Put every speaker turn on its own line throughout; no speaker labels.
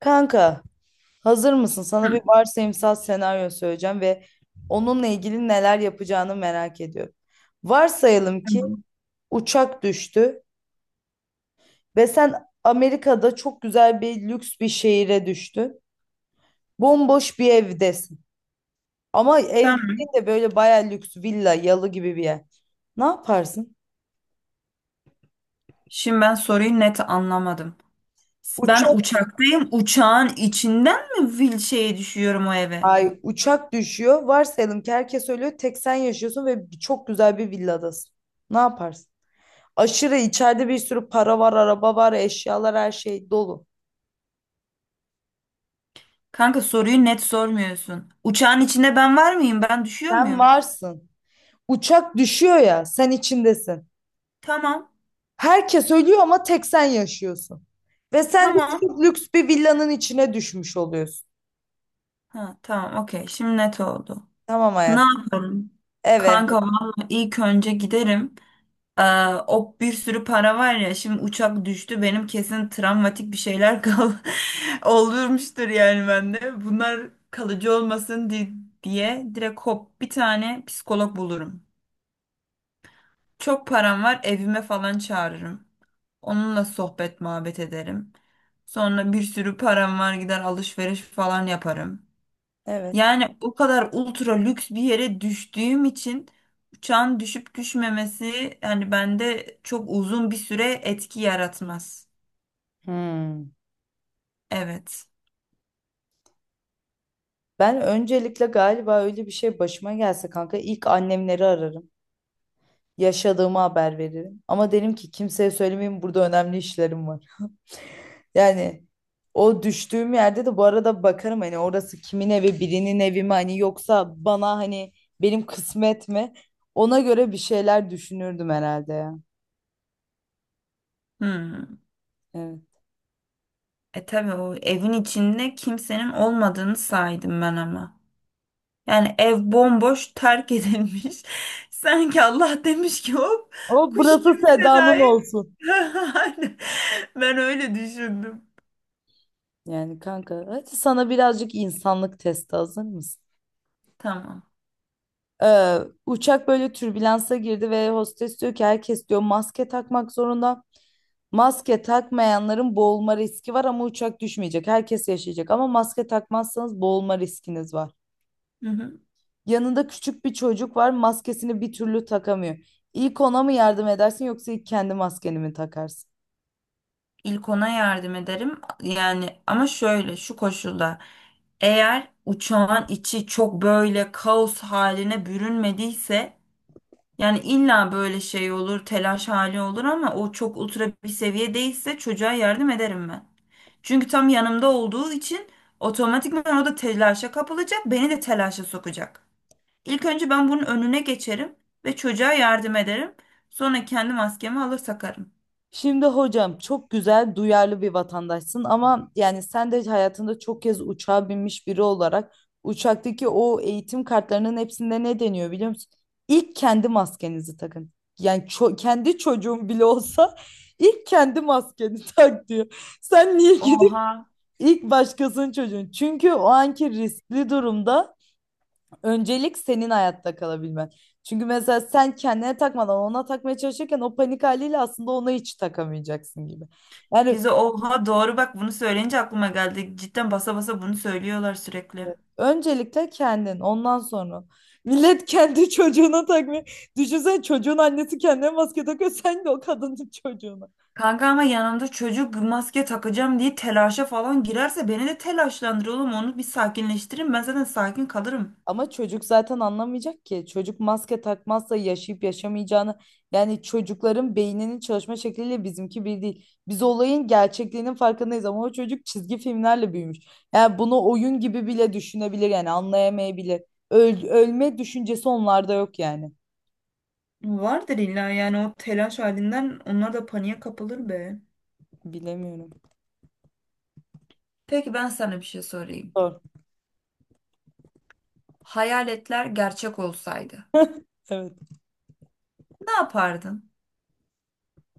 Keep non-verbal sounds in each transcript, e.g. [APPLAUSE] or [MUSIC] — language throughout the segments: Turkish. Kanka, hazır mısın? Sana bir
Hı,
varsayımsal senaryo söyleyeceğim ve onunla ilgili neler yapacağını merak ediyorum. Varsayalım ki
tamam.
uçak düştü ve sen Amerika'da çok güzel bir lüks bir şehire düştün. Bomboş bir evdesin. Ama ev
Tamam.
değil de böyle bayağı lüks villa, yalı gibi bir yer. Ne yaparsın?
Şimdi ben soruyu net anlamadım. Ben
Uçak,
uçaktayım. Uçağın içinden mi fil şeye düşüyorum o eve?
ay uçak düşüyor. Varsayalım ki herkes ölüyor. Tek sen yaşıyorsun ve çok güzel bir villadasın. Ne yaparsın? Aşırı içeride bir sürü para var, araba var, eşyalar her şey dolu.
Kanka soruyu net sormuyorsun. Uçağın içinde ben var mıyım? Ben düşüyor
Sen
muyum?
varsın. Uçak düşüyor ya, sen içindesin.
Tamam.
Herkes ölüyor ama tek sen yaşıyorsun. Ve sen de
Tamam.
çok lüks bir villanın içine düşmüş oluyorsun.
Ha, tamam. Okey. Şimdi net oldu.
Tamam
Ne
hayat.
yaparım?
Evet,
Kanka vallahi ilk önce giderim. Aa, o bir sürü para var ya, şimdi uçak düştü, benim kesin travmatik bir şeyler [LAUGHS] olurmuştur yani bende. Bunlar kalıcı olmasın diye direkt hop bir tane psikolog bulurum. Çok param var, evime falan çağırırım. Onunla sohbet muhabbet ederim. Sonra bir sürü param var, gider alışveriş falan yaparım.
evet.
Yani o kadar ultra lüks bir yere düştüğüm için uçağın düşüp düşmemesi yani bende çok uzun bir süre etki yaratmaz.
Hmm.
Evet.
Ben öncelikle galiba öyle bir şey başıma gelse kanka ilk annemleri ararım. Yaşadığımı haber veririm. Ama derim ki kimseye söylemeyeyim, burada önemli işlerim var. Yani o düştüğüm yerde de bu arada bakarım hani orası kimin evi, birinin evi mi hani, yoksa bana hani benim kısmet mi, ona göre bir şeyler düşünürdüm herhalde ya.
Hmm.
Evet.
E tabii o evin içinde kimsenin olmadığını saydım ben ama. Yani ev bomboş, terk edilmiş. [LAUGHS] Sanki Allah demiş ki hop
Ama
kuş gibi
burası Seda'nın
Seda'yı.
olsun.
[LAUGHS] Ben öyle düşündüm.
Yani kanka hadi sana birazcık insanlık testi, hazır mısın?
Tamam.
Ee, Uçak böyle türbülansa girdi ve hostes diyor ki herkes diyor maske takmak zorunda. Maske takmayanların boğulma riski var ama uçak düşmeyecek. Herkes yaşayacak ama maske takmazsanız boğulma riskiniz var.
Hı hı.
Yanında küçük bir çocuk var, maskesini bir türlü takamıyor. İlk ona mı yardım edersin yoksa ilk kendi maskeni mi takarsın?
İlk ona yardım ederim. Yani ama şöyle, şu koşulda, eğer uçağın içi çok böyle kaos haline bürünmediyse, yani illa böyle şey olur, telaş hali olur ama o çok ultra bir seviye değilse çocuğa yardım ederim ben. Çünkü tam yanımda olduğu için otomatikman o da telaşa kapılacak, beni de telaşa sokacak. İlk önce ben bunun önüne geçerim ve çocuğa yardım ederim. Sonra kendi maskemi alır takarım.
Şimdi hocam çok güzel, duyarlı bir vatandaşsın ama yani sen de hayatında çok kez uçağa binmiş biri olarak uçaktaki o eğitim kartlarının hepsinde ne deniyor biliyor musun? İlk kendi maskenizi takın. Yani kendi çocuğun bile olsa ilk kendi maskeni [LAUGHS] tak diyor. Sen niye gidip
Oha.
ilk başkasının çocuğun? Çünkü o anki riskli durumda öncelik senin hayatta kalabilmen. Çünkü mesela sen kendine takmadan ona takmaya çalışırken o panik haliyle aslında ona hiç takamayacaksın gibi. Yani
Gizli oha, doğru, bak bunu söyleyince aklıma geldi. Cidden basa basa bunu söylüyorlar sürekli.
öncelikle kendin, ondan sonra. Millet kendi [LAUGHS] çocuğuna takmıyor. Düşünsene çocuğun annesi kendine maske takıyor, sen de o kadının [LAUGHS] çocuğuna.
Kanka ama yanımda çocuk maske takacağım diye telaşa falan girerse beni de telaşlandır oğlum. Onu bir sakinleştirin. Ben zaten sakin kalırım.
Ama çocuk zaten anlamayacak ki. Çocuk maske takmazsa yaşayıp yaşamayacağını, yani çocukların beyninin çalışma şekliyle bizimki bir değil. Biz olayın gerçekliğinin farkındayız ama o çocuk çizgi filmlerle büyümüş. Yani bunu oyun gibi bile düşünebilir, yani anlayamayabilir. Ölme düşüncesi onlarda yok yani.
Vardır illa, yani o telaş halinden onlar da paniğe kapılır be.
Bilemiyorum.
Peki ben sana bir şey sorayım.
Doğru.
Hayaletler gerçek olsaydı
Evet.
ne yapardın?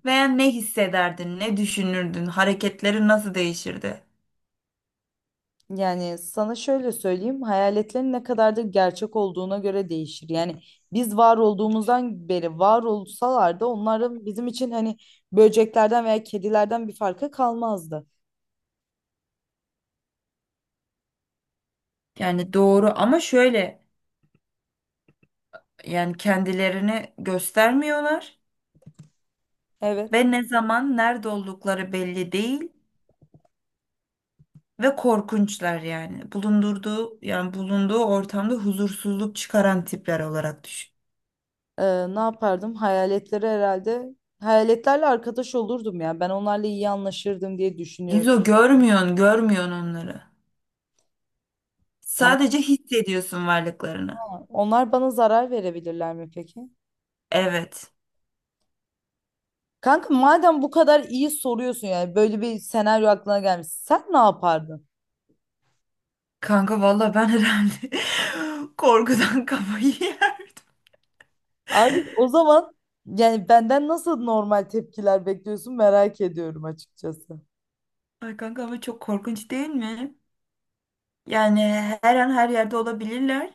Veya ne hissederdin, ne düşünürdün, hareketlerin nasıl değişirdi?
Yani sana şöyle söyleyeyim, hayaletlerin ne kadar da gerçek olduğuna göre değişir. Yani biz var olduğumuzdan beri var olsalar da onların bizim için hani böceklerden veya kedilerden bir farkı kalmazdı.
Yani doğru ama şöyle, yani kendilerini göstermiyorlar
Evet.
ve ne zaman nerede oldukları belli değil ve korkunçlar yani. Bulundurduğu yani bulunduğu ortamda huzursuzluk çıkaran tipler olarak düşün.
Ne yapardım? Hayaletlere herhalde Hayaletlerle arkadaş olurdum ya. Ben onlarla iyi anlaşırdım diye düşünüyorum.
İzo, görmüyorsun, görmüyorsun onları.
Tamam
Sadece hissediyorsun varlıklarını.
ama onlar bana zarar verebilirler mi peki?
Evet.
Kanka madem bu kadar iyi soruyorsun, yani böyle bir senaryo aklına gelmiş. Sen ne yapardın?
Kanka valla ben herhalde [LAUGHS] korkudan kafayı yerdim.
Abi o zaman yani benden nasıl normal tepkiler bekliyorsun merak ediyorum açıkçası.
Ay kanka ama çok korkunç değil mi? Yani her an her yerde olabilirler.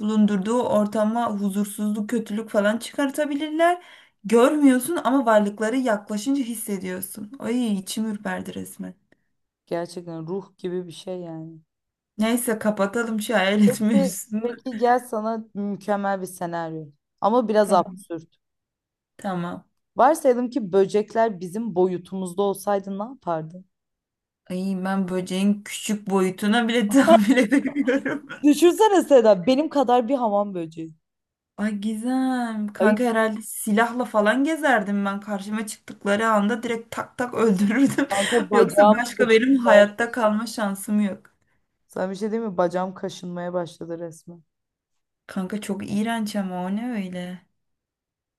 Bulundurduğu ortama huzursuzluk, kötülük falan çıkartabilirler. Görmüyorsun ama varlıkları yaklaşınca hissediyorsun. Ay içim ürperdi resmen.
Gerçekten ruh gibi bir şey yani.
Neyse, kapatalım şu hayalet
Peki,
mevzusunu.
peki gel sana mükemmel bir senaryo. Ama biraz
Tamam.
absürt.
Tamam.
Varsayalım ki böcekler bizim boyutumuzda olsaydı ne yapardın?
Ay, ben böceğin küçük boyutuna bile tahammül edemiyorum.
Düşünsene Seda benim kadar bir hamam böceği.
[LAUGHS] Ay Gizem.
Ay
Kanka herhalde silahla falan gezerdim ben. Karşıma çıktıkları anda direkt tak tak öldürürdüm.
kanka
[LAUGHS] Yoksa
bacağım
başka benim
kaşınmaya.
hayatta kalma şansım yok.
Sana bir şey diyeyim mi? Bacağım kaşınmaya başladı resmen.
Kanka çok iğrenç, ama o ne öyle?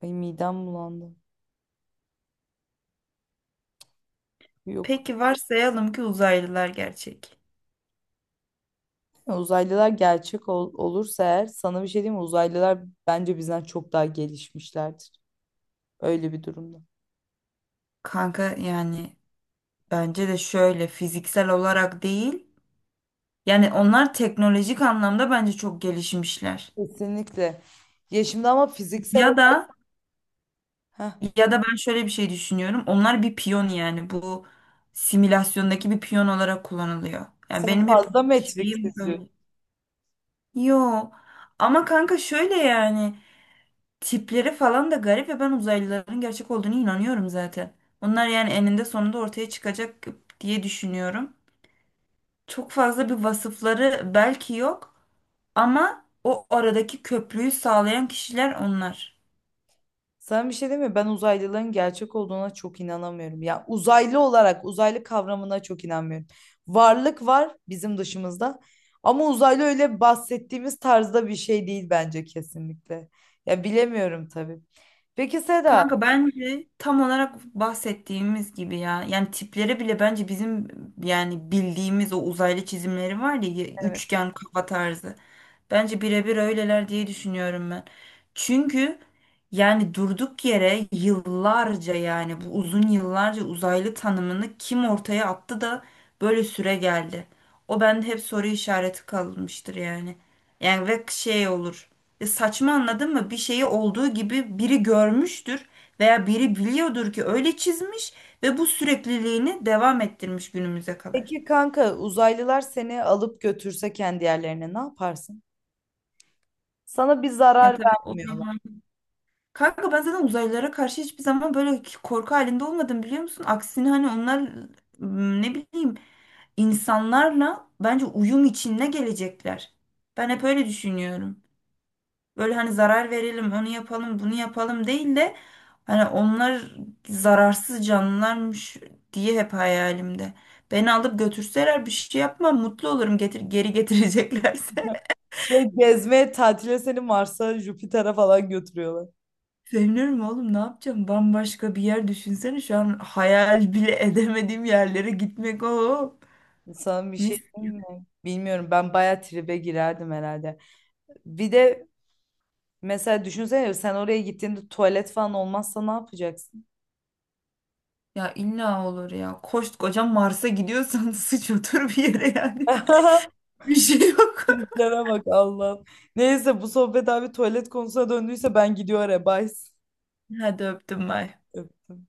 Ay midem bulandı. Yok.
Peki varsayalım ki uzaylılar gerçek.
Ya uzaylılar gerçek olursa eğer sana bir şey diyeyim mi? Uzaylılar bence bizden çok daha gelişmişlerdir. Öyle bir durumda.
Kanka yani bence de şöyle, fiziksel olarak değil. Yani onlar teknolojik anlamda bence çok gelişmişler.
Kesinlikle. Ya şimdi ama fiziksel
Ya
olarak
da
heh,
ya da ben şöyle bir şey düşünüyorum. Onlar bir piyon, yani bu simülasyondaki bir piyon olarak kullanılıyor. Yani
sen
benim hep
fazla Matrix
şeyim
izliyorsun.
böyle. Yo, ama kanka şöyle yani. Tipleri falan da garip ve ben uzaylıların gerçek olduğunu inanıyorum zaten. Onlar yani eninde sonunda ortaya çıkacak diye düşünüyorum. Çok fazla bir vasıfları belki yok ama o aradaki köprüyü sağlayan kişiler onlar.
Sana bir şey diyeyim mi? Ben uzaylıların gerçek olduğuna çok inanamıyorum. Ya uzaylı olarak uzaylı kavramına çok inanmıyorum. Varlık var bizim dışımızda. Ama uzaylı öyle bahsettiğimiz tarzda bir şey değil bence kesinlikle. Ya bilemiyorum tabii. Peki Seda,
Kanka bence tam olarak bahsettiğimiz gibi ya. Yani tipleri bile bence bizim, yani bildiğimiz o uzaylı çizimleri var ya, üçgen kafa tarzı. Bence birebir öyleler diye düşünüyorum ben. Çünkü yani durduk yere yıllarca, yani bu uzun yıllarca uzaylı tanımını kim ortaya attı da böyle süre geldi. O bende hep soru işareti kalmıştır yani. Yani ve şey olur. E saçma, anladın mı? Bir şeyi olduğu gibi biri görmüştür veya biri biliyordur ki öyle çizmiş ve bu sürekliliğini devam ettirmiş günümüze kadar.
peki kanka uzaylılar seni alıp götürse kendi yerlerine ne yaparsın? Sana bir
Ya
zarar
tabii o
vermiyorlar.
zaman. Kanka ben zaten uzaylılara karşı hiçbir zaman böyle korku halinde olmadım, biliyor musun? Aksine hani onlar, ne bileyim, insanlarla bence uyum içinde gelecekler. Ben hep öyle düşünüyorum. Böyle hani zarar verelim, onu yapalım, bunu yapalım değil de hani onlar zararsız canlılarmış diye hep hayalimde. Beni alıp götürseler bir şey yapmam, mutlu olurum, getir, geri [LAUGHS] getireceklerse.
[LAUGHS] Şey, gezmeye, tatile seni Mars'a, Jüpiter'e falan götürüyorlar.
Sevinirim oğlum, ne yapacağım? Bambaşka bir yer, düşünsene şu an hayal bile [LAUGHS] edemediğim yerlere gitmek o.
Sana bir şey
Mis.
diyeyim mi? Bilmiyorum, ben bayağı tribe girerdim herhalde. Bir de mesela düşünsene sen oraya gittiğinde tuvalet falan olmazsa ne yapacaksın?
Ya illa olur ya. Koskoca Mars'a gidiyorsan [LAUGHS] sıç otur bir yere yani.
[LAUGHS]
[LAUGHS] Bir şey yok.
Triplere bak Allah'ım. Neyse bu sohbet abi tuvalet konusuna döndüyse ben gidiyorum arabaya. Bye.
[LAUGHS] Hadi öptüm, bay.
Öptüm.